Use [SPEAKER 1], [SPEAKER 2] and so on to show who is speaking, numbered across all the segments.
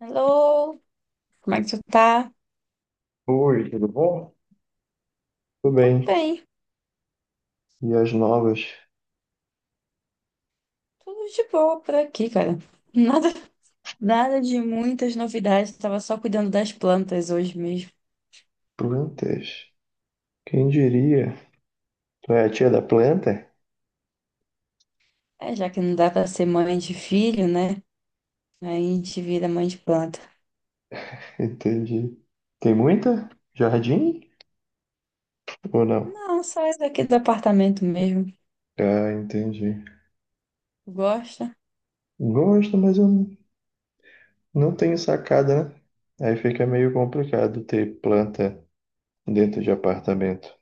[SPEAKER 1] Hello, como é que tu tá?
[SPEAKER 2] Oi, tudo bom? Tudo
[SPEAKER 1] Tô
[SPEAKER 2] bem.
[SPEAKER 1] bem,
[SPEAKER 2] E as novas
[SPEAKER 1] tudo de boa por aqui, cara. Nada, nada de muitas novidades, tava só cuidando das plantas hoje mesmo.
[SPEAKER 2] plantas? Quem diria? Tu é a tia da planta?
[SPEAKER 1] É, já que não dá pra ser mãe de filho, né? Aí a gente vira mãe de planta.
[SPEAKER 2] Entendi. Tem muita? Jardim? Ou não?
[SPEAKER 1] Não, só isso aqui do apartamento mesmo.
[SPEAKER 2] Ah, entendi.
[SPEAKER 1] Gosta?
[SPEAKER 2] Gosto, mas eu não tenho sacada, né? Aí fica meio complicado ter planta dentro de apartamento.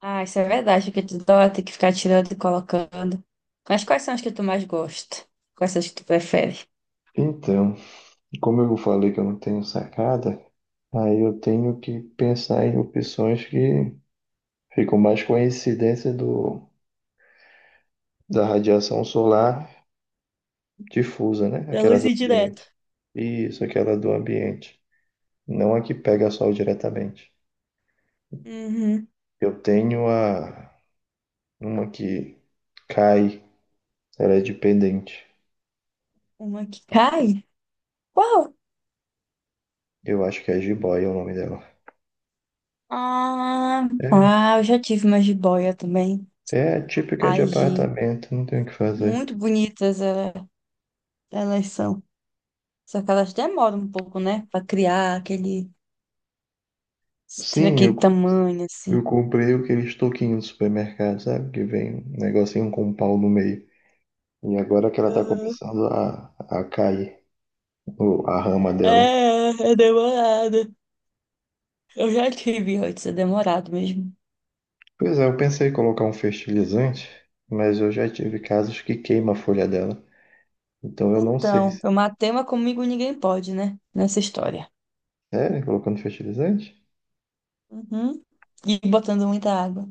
[SPEAKER 1] Ah, isso é verdade, que tu dó, tem que ficar tirando e colocando. Mas quais são as que tu mais gosta? Quais são as que tu prefere?
[SPEAKER 2] Então, como eu falei que eu não tenho sacada, aí eu tenho que pensar em opções que ficam mais com a incidência da radiação solar difusa, né?
[SPEAKER 1] Da
[SPEAKER 2] Aquela
[SPEAKER 1] luz
[SPEAKER 2] do
[SPEAKER 1] indireta.
[SPEAKER 2] ambiente. Isso, aquela do ambiente. Não a que pega sol diretamente.
[SPEAKER 1] Uhum.
[SPEAKER 2] Eu tenho a Uma que cai, ela é de pendente.
[SPEAKER 1] Uma que cai? Qual?
[SPEAKER 2] Eu acho que é jiboia o nome dela.
[SPEAKER 1] Ah,
[SPEAKER 2] É,
[SPEAKER 1] ah, eu já tive uma jiboia também.
[SPEAKER 2] É a típica de
[SPEAKER 1] Ai, Gi,
[SPEAKER 2] apartamento, não tem o que fazer.
[SPEAKER 1] muito bonitas é, elas são. Só que elas demoram um pouco, né? Pra criar aquele,
[SPEAKER 2] Sim,
[SPEAKER 1] aquele
[SPEAKER 2] eu,
[SPEAKER 1] tamanho, assim.
[SPEAKER 2] eu comprei aqueles toquinhos do supermercado, sabe? Que vem um negocinho com um pau no meio. E agora que ela tá
[SPEAKER 1] Aham.
[SPEAKER 2] começando a cair, a rama dela.
[SPEAKER 1] É, é demorado. Eu já tive antes, é demorado mesmo.
[SPEAKER 2] Pois é, eu pensei em colocar um fertilizante, mas eu já tive casos que queima a folha dela. Então eu não sei
[SPEAKER 1] Então, eu
[SPEAKER 2] se.
[SPEAKER 1] matei uma comigo ninguém pode, né? Nessa história.
[SPEAKER 2] Sério? Colocando fertilizante?
[SPEAKER 1] Uhum. E botando muita água.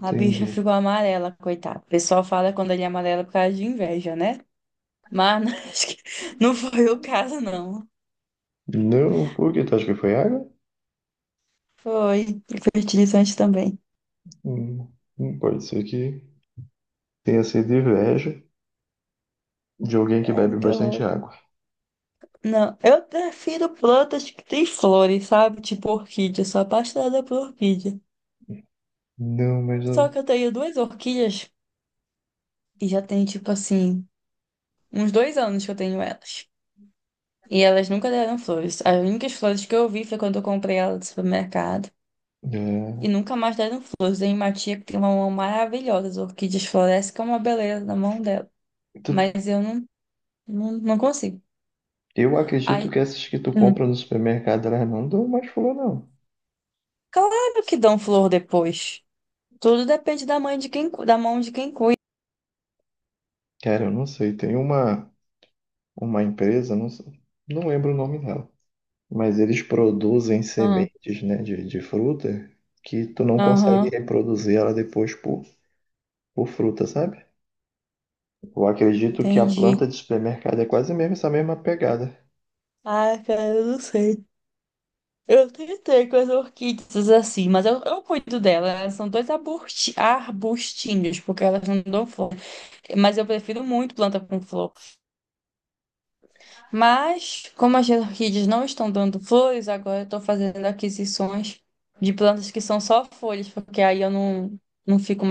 [SPEAKER 1] A bicha ficou amarela, coitada. O pessoal fala quando ele é amarelo por causa de inveja, né? Mas acho que não foi o caso, não.
[SPEAKER 2] Não, por quê? Tu acha que foi água?
[SPEAKER 1] Foi fertilizante também.
[SPEAKER 2] Hum, Pode ser que tenha sido inveja de alguém que bebe
[SPEAKER 1] Credo que
[SPEAKER 2] bastante
[SPEAKER 1] horror.
[SPEAKER 2] água.
[SPEAKER 1] Não, eu prefiro plantas que têm flores, sabe? Tipo orquídea, sou apaixonada por orquídea.
[SPEAKER 2] Não, mas
[SPEAKER 1] Só
[SPEAKER 2] eu.
[SPEAKER 1] que eu tenho duas orquídeas e já tem, tipo assim, uns 2 anos que eu tenho elas. E elas nunca deram flores. As únicas flores que eu vi foi quando eu comprei elas no supermercado. E
[SPEAKER 2] é,
[SPEAKER 1] nunca mais deram flores. Tem uma tia que tem uma mão maravilhosa. As orquídeas florescem que é uma beleza na mão dela.
[SPEAKER 2] tu-
[SPEAKER 1] Mas eu não, não consigo.
[SPEAKER 2] eu acredito
[SPEAKER 1] Aí,
[SPEAKER 2] que essas que tu
[SPEAKER 1] hum,
[SPEAKER 2] compra no supermercado, elas não dão mais flor, não.
[SPEAKER 1] claro que dão flor depois. Tudo depende da mãe de quem, da mão de quem cuida.
[SPEAKER 2] Cara, eu não sei. Tem uma empresa, não lembro o nome dela. Mas eles produzem
[SPEAKER 1] Ah,
[SPEAKER 2] sementes, né, de fruta que tu não consegue
[SPEAKER 1] aham,
[SPEAKER 2] reproduzir ela depois por fruta, sabe? Eu acredito que a
[SPEAKER 1] entendi.
[SPEAKER 2] planta de supermercado é quase mesmo essa mesma pegada.
[SPEAKER 1] Ah, cara, eu não sei. Eu tentei com as orquídeas assim, mas eu cuido delas. Elas são dois arbustinhos, porque elas não dão flor. Mas eu prefiro muito planta com flor. Mas, como as orquídeas não estão dando flores, agora eu estou fazendo aquisições de plantas que são só folhas, porque aí eu não, não fico.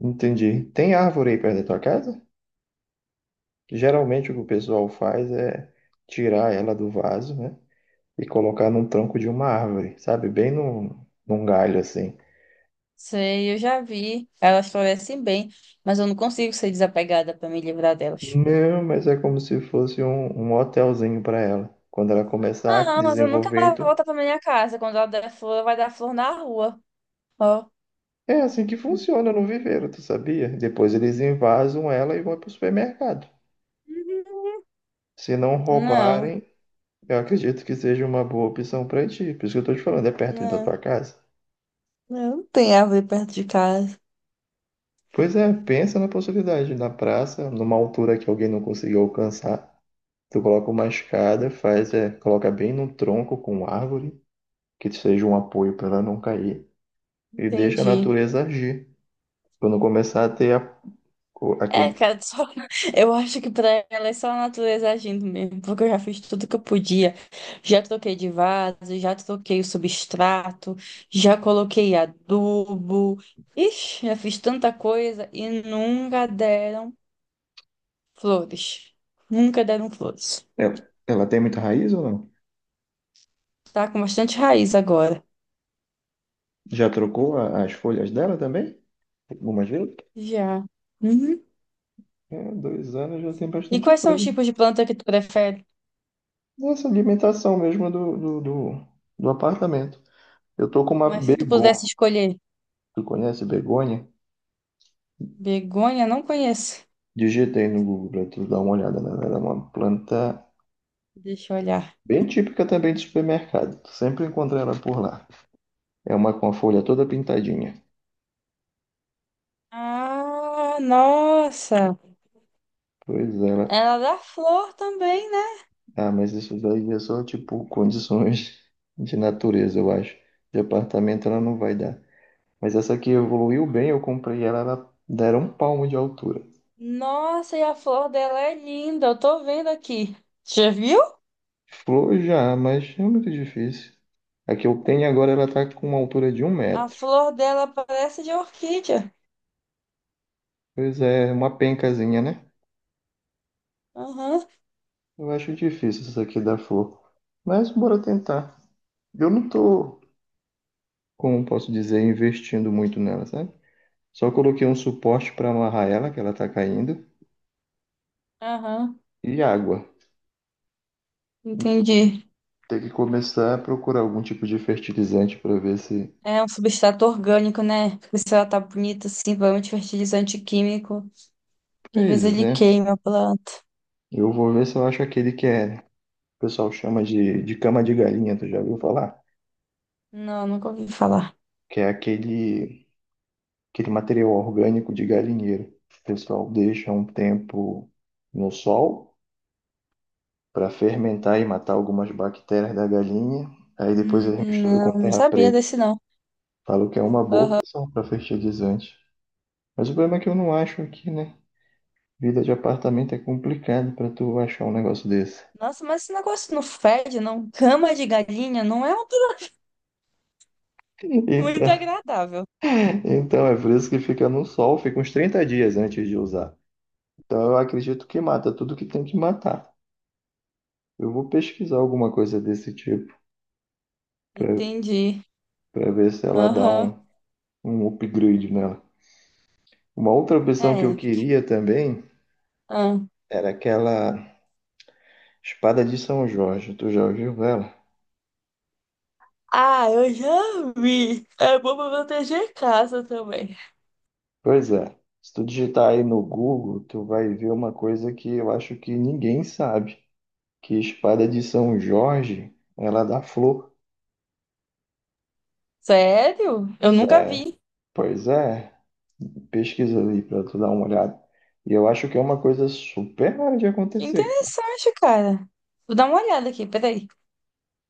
[SPEAKER 2] Entendi. Tem árvore aí perto da tua casa? Geralmente o que o pessoal faz é tirar ela do vaso, né, e colocar num tronco de uma árvore, sabe? Bem num galho assim.
[SPEAKER 1] Sei, eu já vi. Elas florescem bem, mas eu não consigo ser desapegada pra me livrar delas.
[SPEAKER 2] Não, mas é como se fosse um hotelzinho para ela. Quando ela começar
[SPEAKER 1] Ah,
[SPEAKER 2] a
[SPEAKER 1] não, mas eu nunca
[SPEAKER 2] desenvolver,
[SPEAKER 1] mais
[SPEAKER 2] tu
[SPEAKER 1] volto pra minha casa. Quando ela der flor, vai dar flor na rua. Ó.
[SPEAKER 2] É assim que funciona no viveiro, tu sabia? Depois eles invasam ela e vão pro supermercado. Se não
[SPEAKER 1] Não,
[SPEAKER 2] roubarem, eu acredito que seja uma boa opção pra ti. Por isso que eu tô te falando, é perto da
[SPEAKER 1] não,
[SPEAKER 2] tua casa.
[SPEAKER 1] não, não tem árvore perto de casa.
[SPEAKER 2] Pois é, pensa na possibilidade, na praça, numa altura que alguém não conseguiu alcançar. Tu coloca uma escada, faz, é, coloca bem num tronco com árvore, que seja um apoio pra ela não cair, e deixa a
[SPEAKER 1] Entendi.
[SPEAKER 2] natureza agir. Quando começar a ter
[SPEAKER 1] É,
[SPEAKER 2] aquele.
[SPEAKER 1] cara, só eu acho que pra ela é só a natureza agindo mesmo, porque eu já fiz tudo que eu podia. Já troquei de vaso, já troquei o substrato, já coloquei adubo. Ixi, já fiz tanta coisa e nunca deram flores. Nunca deram flores.
[SPEAKER 2] Ela tem muita raiz ou não?
[SPEAKER 1] Tá com bastante raiz agora.
[SPEAKER 2] Já trocou as folhas dela também? Algumas vezes?
[SPEAKER 1] Já. Uhum.
[SPEAKER 2] É, 2 anos já tem
[SPEAKER 1] E
[SPEAKER 2] bastante
[SPEAKER 1] quais são os
[SPEAKER 2] coisa.
[SPEAKER 1] tipos de planta que tu prefere?
[SPEAKER 2] Essa alimentação mesmo do apartamento. Eu tô com uma
[SPEAKER 1] Mas se tu
[SPEAKER 2] begônia.
[SPEAKER 1] pudesse escolher,
[SPEAKER 2] Tu conhece begônia?
[SPEAKER 1] begônia, não conheço.
[SPEAKER 2] Digitei no Google pra tu dar uma olhada, né? Ela é uma planta
[SPEAKER 1] Deixa eu olhar.
[SPEAKER 2] bem típica também de supermercado. Tu sempre encontra ela por lá. É uma com a folha toda pintadinha.
[SPEAKER 1] Ah, nossa.
[SPEAKER 2] Pois é, ela.
[SPEAKER 1] Ela é da flor também, né?
[SPEAKER 2] Ah, mas isso daí é só tipo condições de natureza, eu acho. De apartamento ela não vai dar. Mas essa aqui evoluiu bem, eu comprei ela, ela dera um palmo de altura.
[SPEAKER 1] Nossa, e a flor dela é linda. Eu tô vendo aqui. Já viu?
[SPEAKER 2] Flor já, mas é muito difícil. A que eu tenho agora, ela tá com uma altura de um
[SPEAKER 1] A
[SPEAKER 2] metro.
[SPEAKER 1] flor dela parece de orquídea.
[SPEAKER 2] Pois é, uma pencazinha, né?
[SPEAKER 1] Aham,
[SPEAKER 2] Eu acho difícil essa aqui dar flor. Mas bora tentar. Eu não tô, Como posso dizer, investindo muito nela, sabe? Só coloquei um suporte para amarrar ela, que ela tá caindo,
[SPEAKER 1] aham.
[SPEAKER 2] e água. Mas eu vou
[SPEAKER 1] Entendi.
[SPEAKER 2] ter que começar a procurar algum tipo de fertilizante para ver se.
[SPEAKER 1] É um substrato orgânico, né? Porque se ela tá bonita assim, provavelmente fertilizante químico, que às vezes
[SPEAKER 2] Pois
[SPEAKER 1] ele
[SPEAKER 2] é.
[SPEAKER 1] queima a planta.
[SPEAKER 2] Eu vou ver se eu acho aquele que é o pessoal chama de cama de galinha, tu já ouviu falar?
[SPEAKER 1] Não, nunca ouvi falar.
[SPEAKER 2] Que é aquele material orgânico de galinheiro. O pessoal deixa um tempo no sol para fermentar e matar algumas bactérias da galinha, aí depois eles misturam com
[SPEAKER 1] Não, não
[SPEAKER 2] terra
[SPEAKER 1] sabia
[SPEAKER 2] preta.
[SPEAKER 1] desse não.
[SPEAKER 2] Falam que é uma boa
[SPEAKER 1] Ah,
[SPEAKER 2] opção para fertilizante. Mas o problema é que eu não acho aqui, né? Vida de apartamento é complicado para tu achar um negócio desse.
[SPEAKER 1] nossa, mas esse negócio não fede, não? Cama de galinha não é um muito
[SPEAKER 2] Então,
[SPEAKER 1] agradável.
[SPEAKER 2] então é por isso que fica no sol, fica uns 30 dias antes de usar. Então eu acredito que mata tudo que tem que matar. Eu vou pesquisar alguma coisa desse tipo para
[SPEAKER 1] Entendi.
[SPEAKER 2] para ver se ela dá
[SPEAKER 1] Aham.
[SPEAKER 2] um upgrade nela. Uma outra opção que eu
[SPEAKER 1] É.
[SPEAKER 2] queria também
[SPEAKER 1] Ah.
[SPEAKER 2] era aquela espada de São Jorge. Tu já ouviu ela?
[SPEAKER 1] Ah, eu já vi. É bom pra proteger casa também.
[SPEAKER 2] Pois é. Se tu digitar aí no Google, tu vai ver uma coisa que eu acho que ninguém sabe, que espada de São Jorge, ela dá flor.
[SPEAKER 1] Sério? Eu nunca
[SPEAKER 2] Sério.
[SPEAKER 1] vi.
[SPEAKER 2] Pois é. Pesquisa ali para tu dar uma olhada. E eu acho que é uma coisa super rara de
[SPEAKER 1] Que
[SPEAKER 2] acontecer, cara.
[SPEAKER 1] interessante, cara. Vou dar uma olhada aqui, peraí.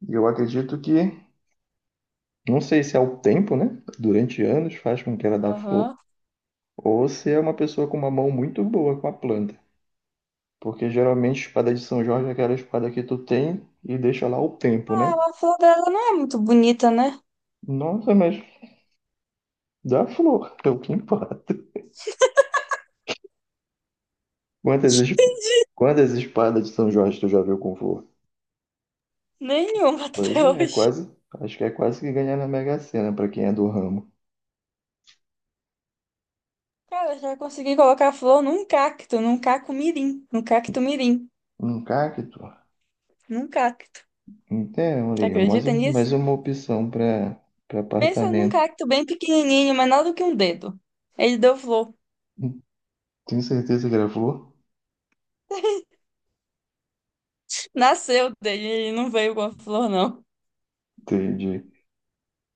[SPEAKER 2] E eu acredito que, não sei se é o tempo, né? Durante anos faz com que ela dá flor,
[SPEAKER 1] Aham.
[SPEAKER 2] ou se é uma pessoa com uma mão muito boa com a planta. Porque geralmente espada de São Jorge é aquela espada que tu tem e deixa lá o tempo,
[SPEAKER 1] Ah,
[SPEAKER 2] né?
[SPEAKER 1] a flor dela não é muito bonita, né?
[SPEAKER 2] Nossa, mas dá flor, é o que importa. Quantas, es- Quantas espadas de São Jorge tu já viu com flor?
[SPEAKER 1] Nenhuma
[SPEAKER 2] Pois
[SPEAKER 1] até
[SPEAKER 2] é, é
[SPEAKER 1] hoje.
[SPEAKER 2] quase. Acho que é quase que ganhar na Mega Sena pra quem é do ramo.
[SPEAKER 1] Cara, já consegui colocar flor num cacto, num cacto mirim,
[SPEAKER 2] Um cacto?
[SPEAKER 1] num cacto.
[SPEAKER 2] Então,
[SPEAKER 1] Você
[SPEAKER 2] ali, é mais,
[SPEAKER 1] acredita
[SPEAKER 2] um-
[SPEAKER 1] nisso?
[SPEAKER 2] mais uma opção para
[SPEAKER 1] Pensa num
[SPEAKER 2] apartamento.
[SPEAKER 1] cacto bem pequenininho, menor do que um dedo. Ele deu flor.
[SPEAKER 2] Tenho certeza que era flor?
[SPEAKER 1] Nasceu dele, ele não veio com a flor, não.
[SPEAKER 2] Entendi.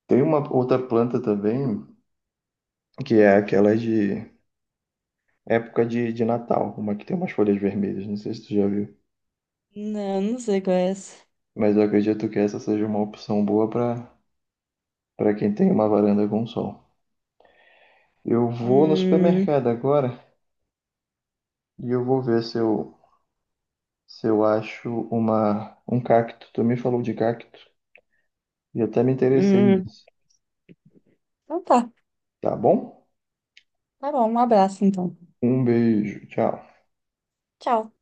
[SPEAKER 2] Tem uma outra planta também, que é aquela de época de Natal, uma que tem umas folhas vermelhas, não sei se tu já viu.
[SPEAKER 1] Não, não sei qual é essa.
[SPEAKER 2] Mas eu acredito que essa seja uma opção boa para quem tem uma varanda com sol. Eu vou no
[SPEAKER 1] Hum,
[SPEAKER 2] supermercado agora e eu vou ver se eu acho um cacto. Tu me falou de cacto e até me interessei
[SPEAKER 1] hum.
[SPEAKER 2] nisso,
[SPEAKER 1] Então tá.
[SPEAKER 2] tá bom?
[SPEAKER 1] Tá bom, um abraço então.
[SPEAKER 2] Um beijo, tchau.
[SPEAKER 1] Tchau.